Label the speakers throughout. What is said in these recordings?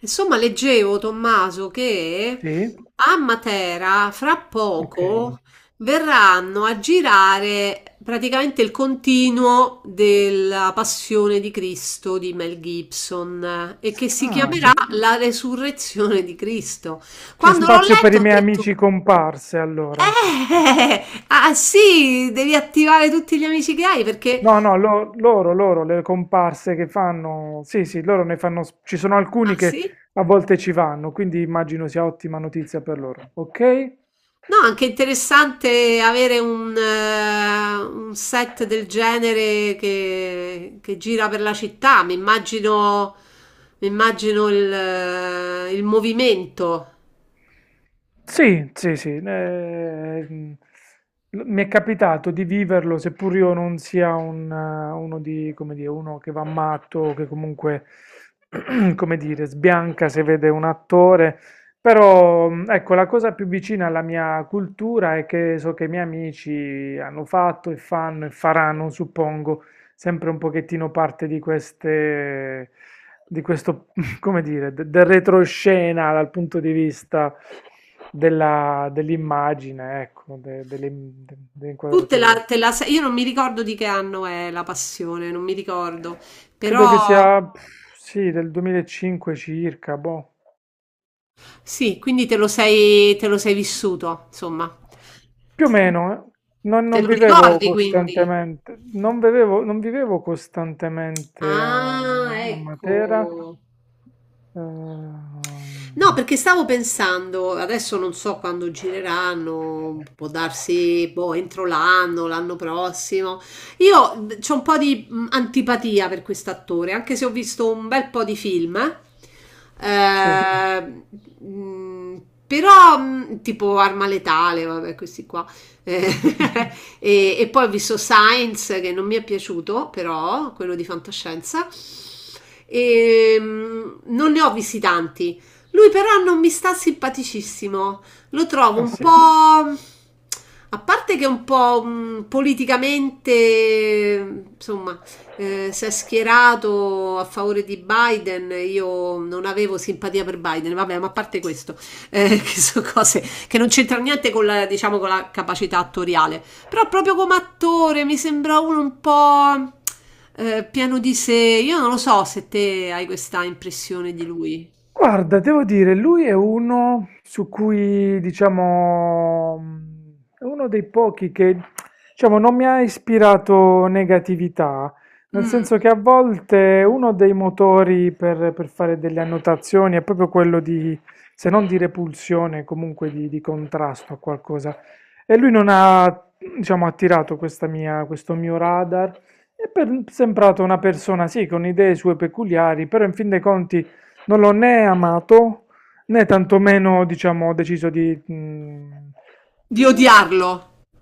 Speaker 1: Insomma, leggevo, Tommaso, che
Speaker 2: Sì?
Speaker 1: a Matera fra
Speaker 2: Ok.
Speaker 1: poco verranno a girare praticamente il continuo della Passione di Cristo di Mel Gibson e che si
Speaker 2: Ah,
Speaker 1: chiamerà
Speaker 2: c'è
Speaker 1: La Resurrezione di Cristo.
Speaker 2: c'è
Speaker 1: Quando l'ho
Speaker 2: spazio per
Speaker 1: letto
Speaker 2: i
Speaker 1: ho
Speaker 2: miei
Speaker 1: detto,
Speaker 2: amici comparse allora.
Speaker 1: ah sì, devi attivare tutti gli amici che hai perché...
Speaker 2: No, no, loro, le comparse che fanno, sì, sì, loro ne fanno, ci sono alcuni
Speaker 1: Ah
Speaker 2: che
Speaker 1: sì?
Speaker 2: a volte ci vanno, quindi immagino sia ottima notizia per loro. Ok?
Speaker 1: No, anche interessante avere un set del genere che gira per la città. Mi immagino il movimento.
Speaker 2: Sì, sì, sì. Mi è capitato di viverlo, seppur io non sia un, uno di, come dire, uno che va matto, o che comunque, come dire, sbianca se vede un attore. Però, ecco, la cosa più vicina alla mia cultura è che so che i miei amici hanno fatto e fanno e faranno, suppongo, sempre un pochettino parte di queste, di questo, come dire, del retroscena dal punto di vista dell'immagine, ecco, delle inquadrature.
Speaker 1: Te la sei- io non mi ricordo di che anno è La Passione, non mi ricordo.
Speaker 2: Credo che
Speaker 1: Però
Speaker 2: sia, pff, sì, del 2005 circa, boh.
Speaker 1: sì, quindi te lo sei vissuto, insomma.
Speaker 2: Più o meno, eh.
Speaker 1: Te
Speaker 2: Non
Speaker 1: lo
Speaker 2: vivevo
Speaker 1: ricordi quindi?
Speaker 2: costantemente, non vivevo costantemente a,
Speaker 1: Ah,
Speaker 2: a Matera.
Speaker 1: ecco.
Speaker 2: ehm,
Speaker 1: No, perché stavo pensando, adesso non so quando gireranno, può darsi boh, entro l'anno, l'anno prossimo. Io ho un po' di antipatia per quest'attore, anche se ho visto un bel po' di film.
Speaker 2: Sì.
Speaker 1: eh, Però, tipo Arma Letale, vabbè, questi qua. Eh, e poi ho visto Science, che non mi è piaciuto, però, quello di fantascienza. E, non ne ho visti tanti. Lui però non mi sta simpaticissimo. Lo trovo
Speaker 2: Ah
Speaker 1: un
Speaker 2: sì?
Speaker 1: po'. A parte che è un po' politicamente, insomma, si è schierato a favore di Biden, io non avevo simpatia per Biden, vabbè, ma a parte questo, che sono cose che non c'entrano niente con la, diciamo, con la capacità attoriale, però proprio come attore mi sembra uno un po' pieno di sé, io non lo so se te hai questa impressione di lui.
Speaker 2: Guarda, devo dire, lui è uno su cui, diciamo, è uno dei pochi che, diciamo, non mi ha ispirato negatività, nel
Speaker 1: Mm.
Speaker 2: senso che a volte uno dei motori per fare delle annotazioni è proprio quello di, se non di repulsione, comunque di contrasto a qualcosa. E lui non ha, diciamo, attirato questo mio radar. Sembrato una persona, sì, con idee sue peculiari, però in fin dei conti... Non l'ho né amato né tantomeno, diciamo, ho deciso di... mm,
Speaker 1: Di
Speaker 2: eh,
Speaker 1: odiarlo.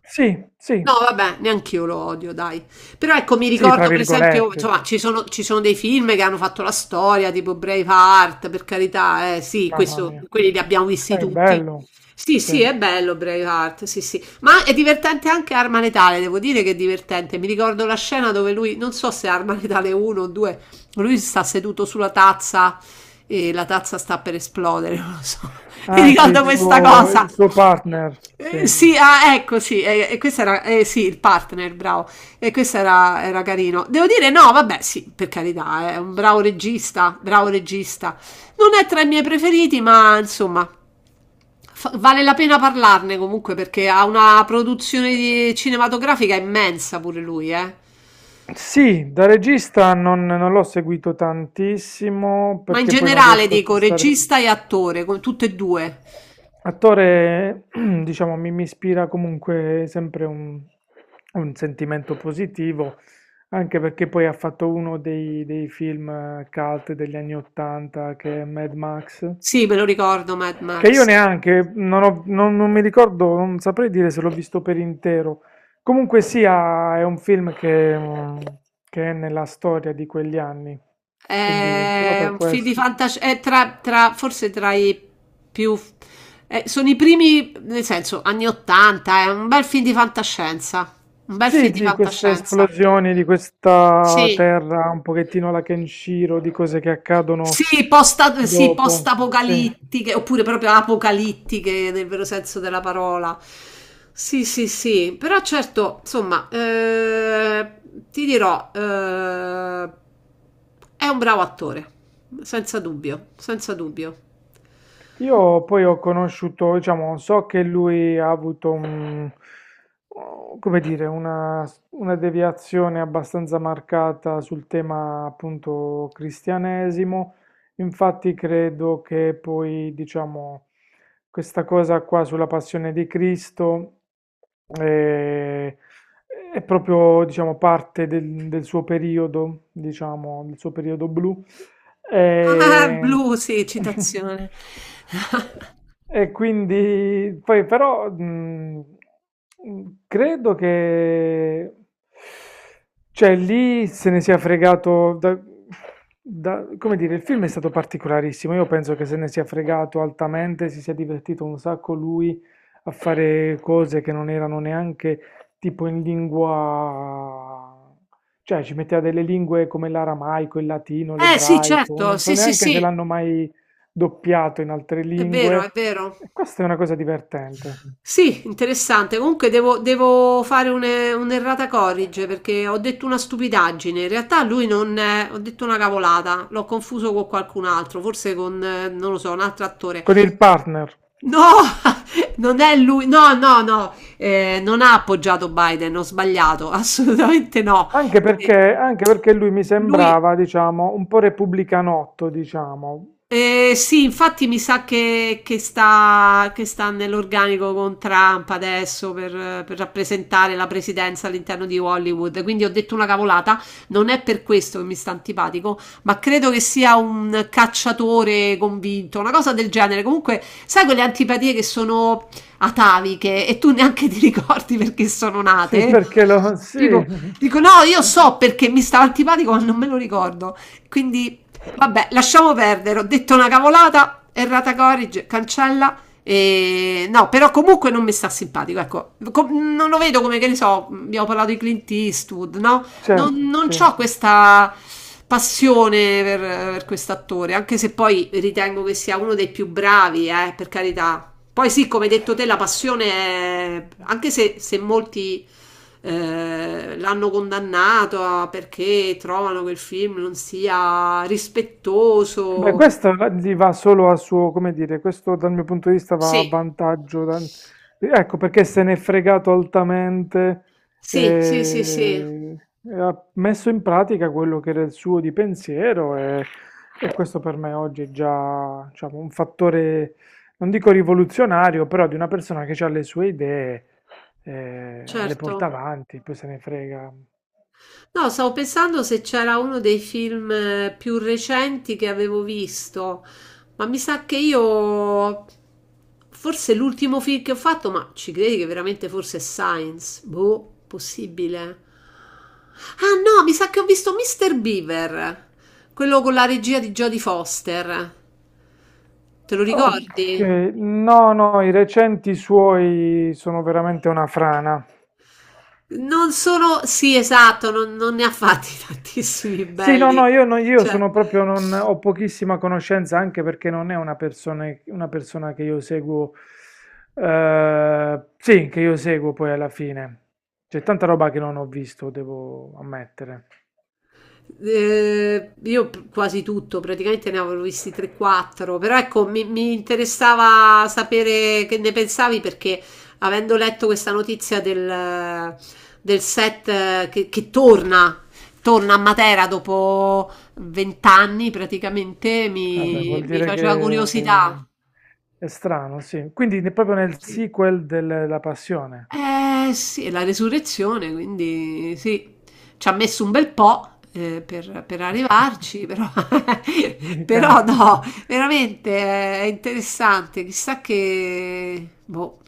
Speaker 2: sì, sì,
Speaker 1: No, vabbè, neanche io lo odio, dai. Però ecco, mi
Speaker 2: sì, tra
Speaker 1: ricordo per esempio, insomma,
Speaker 2: virgolette,
Speaker 1: ci sono dei film che hanno fatto la storia, tipo Braveheart, per carità, sì,
Speaker 2: mamma
Speaker 1: questo,
Speaker 2: mia.
Speaker 1: quelli li abbiamo visti
Speaker 2: È
Speaker 1: tutti.
Speaker 2: bello,
Speaker 1: Sì,
Speaker 2: sì.
Speaker 1: sì, è bello Braveheart, sì, sì. Ma è divertente anche Arma Letale, devo dire che è divertente. Mi ricordo la scena dove lui, non so se è Arma Letale 1 o 2, lui sta seduto sulla tazza e la tazza sta per esplodere, non lo so. Mi
Speaker 2: Ah sì,
Speaker 1: ricordo questa cosa.
Speaker 2: il suo partner, sì.
Speaker 1: Sì, ah, ecco, sì, e questo era, sì, il partner, bravo. Era carino. Devo dire, no, vabbè, sì, per carità, è un bravo regista, bravo regista. Non è tra i miei preferiti, ma insomma, fa- vale la pena parlarne comunque perché ha una produzione di- cinematografica immensa pure lui, eh.
Speaker 2: Sì, da regista non l'ho seguito tantissimo
Speaker 1: Ma in
Speaker 2: perché poi non
Speaker 1: generale
Speaker 2: riesco a
Speaker 1: dico
Speaker 2: stare.
Speaker 1: regista e attore, con tutte e due.
Speaker 2: Attore, diciamo, mi ispira comunque sempre un sentimento positivo, anche perché poi ha fatto uno dei, dei film cult degli anni 80 che è Mad Max.
Speaker 1: Sì, me lo ricordo, Mad
Speaker 2: Che io
Speaker 1: Max.
Speaker 2: neanche, non mi ricordo, non saprei dire se l'ho visto per intero. Comunque sia, è un film che, mm, che è nella storia di quegli anni, quindi solo
Speaker 1: È
Speaker 2: per
Speaker 1: un film di
Speaker 2: questo.
Speaker 1: fantascienza, è tra, tra- forse tra i più... sono i primi, nel senso, anni 80, è un bel film di fantascienza, un bel
Speaker 2: Sì,
Speaker 1: film di
Speaker 2: sì, queste
Speaker 1: fantascienza.
Speaker 2: esplosioni di questa
Speaker 1: Sì,
Speaker 2: terra, un pochettino la Kenshiro, di cose che accadono
Speaker 1: sì, posta, sì,
Speaker 2: dopo. Sì.
Speaker 1: post-apocalittiche, oppure proprio apocalittiche nel vero senso della parola. Sì, sì, sì, però certo, insomma, ti dirò, è un bravo attore, senza dubbio, senza dubbio.
Speaker 2: Io poi ho conosciuto, diciamo, so che lui ha avuto un, come dire, una deviazione abbastanza marcata sul tema appunto cristianesimo. Infatti credo che poi, diciamo, questa cosa qua sulla passione di Cristo eh, è proprio, diciamo, parte del, del suo periodo, diciamo, del suo periodo blu.
Speaker 1: Ah,
Speaker 2: E,
Speaker 1: blu, sì, citazione.
Speaker 2: e quindi poi però credo che cioè lì se ne sia fregato come dire, il film è stato particolarissimo. Io penso che se ne sia fregato altamente, si sia divertito un sacco lui a fare cose che non erano neanche tipo in lingua, cioè ci metteva delle lingue come l'aramaico, il latino,
Speaker 1: Eh sì,
Speaker 2: l'ebraico,
Speaker 1: certo,
Speaker 2: non so
Speaker 1: sì, sì,
Speaker 2: neanche se
Speaker 1: sì,
Speaker 2: l'hanno mai doppiato in altre
Speaker 1: è vero, è
Speaker 2: lingue.
Speaker 1: vero.
Speaker 2: E questa è una cosa divertente.
Speaker 1: Sì, interessante. Comunque devo fare un'errata corrige perché ho detto una stupidaggine. In realtà lui non è, ho detto una cavolata, l'ho confuso con qualcun altro, forse con, non lo so, un altro attore.
Speaker 2: Con il partner.
Speaker 1: No, non è lui, no, no, no, non ha appoggiato Biden, ho sbagliato, assolutamente no. Eh,
Speaker 2: Anche perché lui mi
Speaker 1: lui
Speaker 2: sembrava, diciamo, un po' repubblicanotto, diciamo.
Speaker 1: eh, sì, infatti mi sa che sta nell'organico con Trump adesso per rappresentare la presidenza all'interno di Hollywood. Quindi ho detto una cavolata, non è per questo che mi sta antipatico, ma credo che sia un cacciatore convinto, una cosa del genere. Comunque, sai quelle antipatie che sono ataviche e tu neanche ti ricordi perché sono
Speaker 2: Sì,
Speaker 1: nate?
Speaker 2: perché lo... Sì,
Speaker 1: Tipo, dico no, io so perché mi stava antipatico, ma non me lo ricordo. Quindi vabbè, lasciamo perdere, ho detto una cavolata, errata corrige, cancella. E... no, però comunque non mi sta simpatico, ecco, com- non lo vedo come che ne so, abbiamo parlato di Clint Eastwood, no?
Speaker 2: certo,
Speaker 1: Non
Speaker 2: sì.
Speaker 1: ho questa passione per quest'attore, anche se poi ritengo che sia uno dei più bravi, per carità, poi sì, come hai detto te, la passione, è- anche se molti l'hanno condannato a- perché trovano che il film non sia
Speaker 2: Beh,
Speaker 1: rispettoso.
Speaker 2: questo gli va solo a suo, come dire, questo dal mio punto di vista va a
Speaker 1: Sì,
Speaker 2: vantaggio. Ecco perché se n'è fregato altamente
Speaker 1: sì, sì, sì, sì,
Speaker 2: eh, e, ha messo in pratica quello che era il suo di pensiero e questo per me oggi è già, diciamo, un fattore, non dico rivoluzionario, però di una persona che ha le sue idee, le
Speaker 1: certo.
Speaker 2: porta avanti, poi se ne frega.
Speaker 1: No, stavo pensando se c'era uno dei film più recenti che avevo visto, ma mi sa che io, forse l'ultimo film che ho fatto, ma ci credi che veramente forse è Science? Boh, possibile. Ah no, mi sa che ho visto Mr. Beaver, quello con la regia di Jodie Foster. Te lo
Speaker 2: Ok,
Speaker 1: ricordi?
Speaker 2: no, no, i recenti suoi sono veramente una frana.
Speaker 1: Non sono, sì, esatto, non, non ne ha fatti tantissimi
Speaker 2: Sì, no,
Speaker 1: belli.
Speaker 2: no, io, io
Speaker 1: Cioè,
Speaker 2: sono proprio, non, ho pochissima conoscenza anche perché non è una persona che io seguo, sì, che io seguo poi alla fine. C'è tanta roba che non ho visto, devo ammettere.
Speaker 1: eh, io p- quasi tutto, praticamente ne avevo visti 3-4, però ecco, mi interessava sapere che ne pensavi perché avendo letto questa notizia del, del set che torna, torna a Matera dopo 20 anni praticamente,
Speaker 2: Vabbè, vuol
Speaker 1: mi
Speaker 2: dire
Speaker 1: faceva
Speaker 2: che
Speaker 1: curiosità.
Speaker 2: è strano, sì. Quindi proprio nel
Speaker 1: Sì.
Speaker 2: sequel della Passione.
Speaker 1: Eh sì, è la resurrezione, quindi sì, ci ha messo un bel po' per arrivarci, però,
Speaker 2: I cano
Speaker 1: però no, veramente è interessante, chissà che, boh,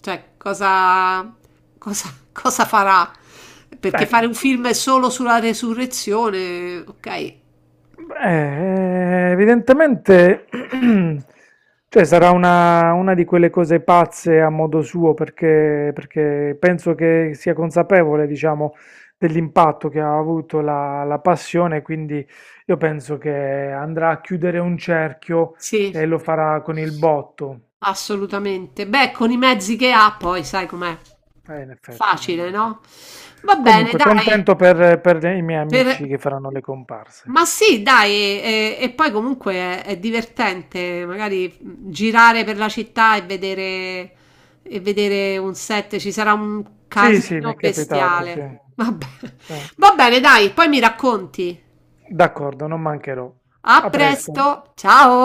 Speaker 1: cioè cosa, cosa, cosa farà, perché
Speaker 2: beh,
Speaker 1: fare un film solo sulla resurrezione, ok,
Speaker 2: beh, evidentemente, cioè sarà una di quelle cose pazze a modo suo, perché, perché penso che sia consapevole, diciamo, dell'impatto che ha avuto la, la passione, quindi io penso che andrà a chiudere un cerchio
Speaker 1: sì,
Speaker 2: e lo farà con il botto.
Speaker 1: assolutamente. Beh, con i mezzi che ha poi, sai com'è,
Speaker 2: In effetti, in
Speaker 1: facile,
Speaker 2: effetti.
Speaker 1: no? Va bene,
Speaker 2: Comunque,
Speaker 1: dai.
Speaker 2: contento per i miei
Speaker 1: Per
Speaker 2: amici che faranno le comparse.
Speaker 1: ma sì dai, e poi comunque è divertente magari, mhmm, girare per la città e vedere un set, ci sarà un
Speaker 2: Sì, sì, mi
Speaker 1: casino
Speaker 2: è capitato, sì.
Speaker 1: bestiale. Vabbè.
Speaker 2: Sì.
Speaker 1: Va bene dai, poi mi racconti.
Speaker 2: D'accordo, non mancherò.
Speaker 1: A
Speaker 2: A presto.
Speaker 1: presto, ciao.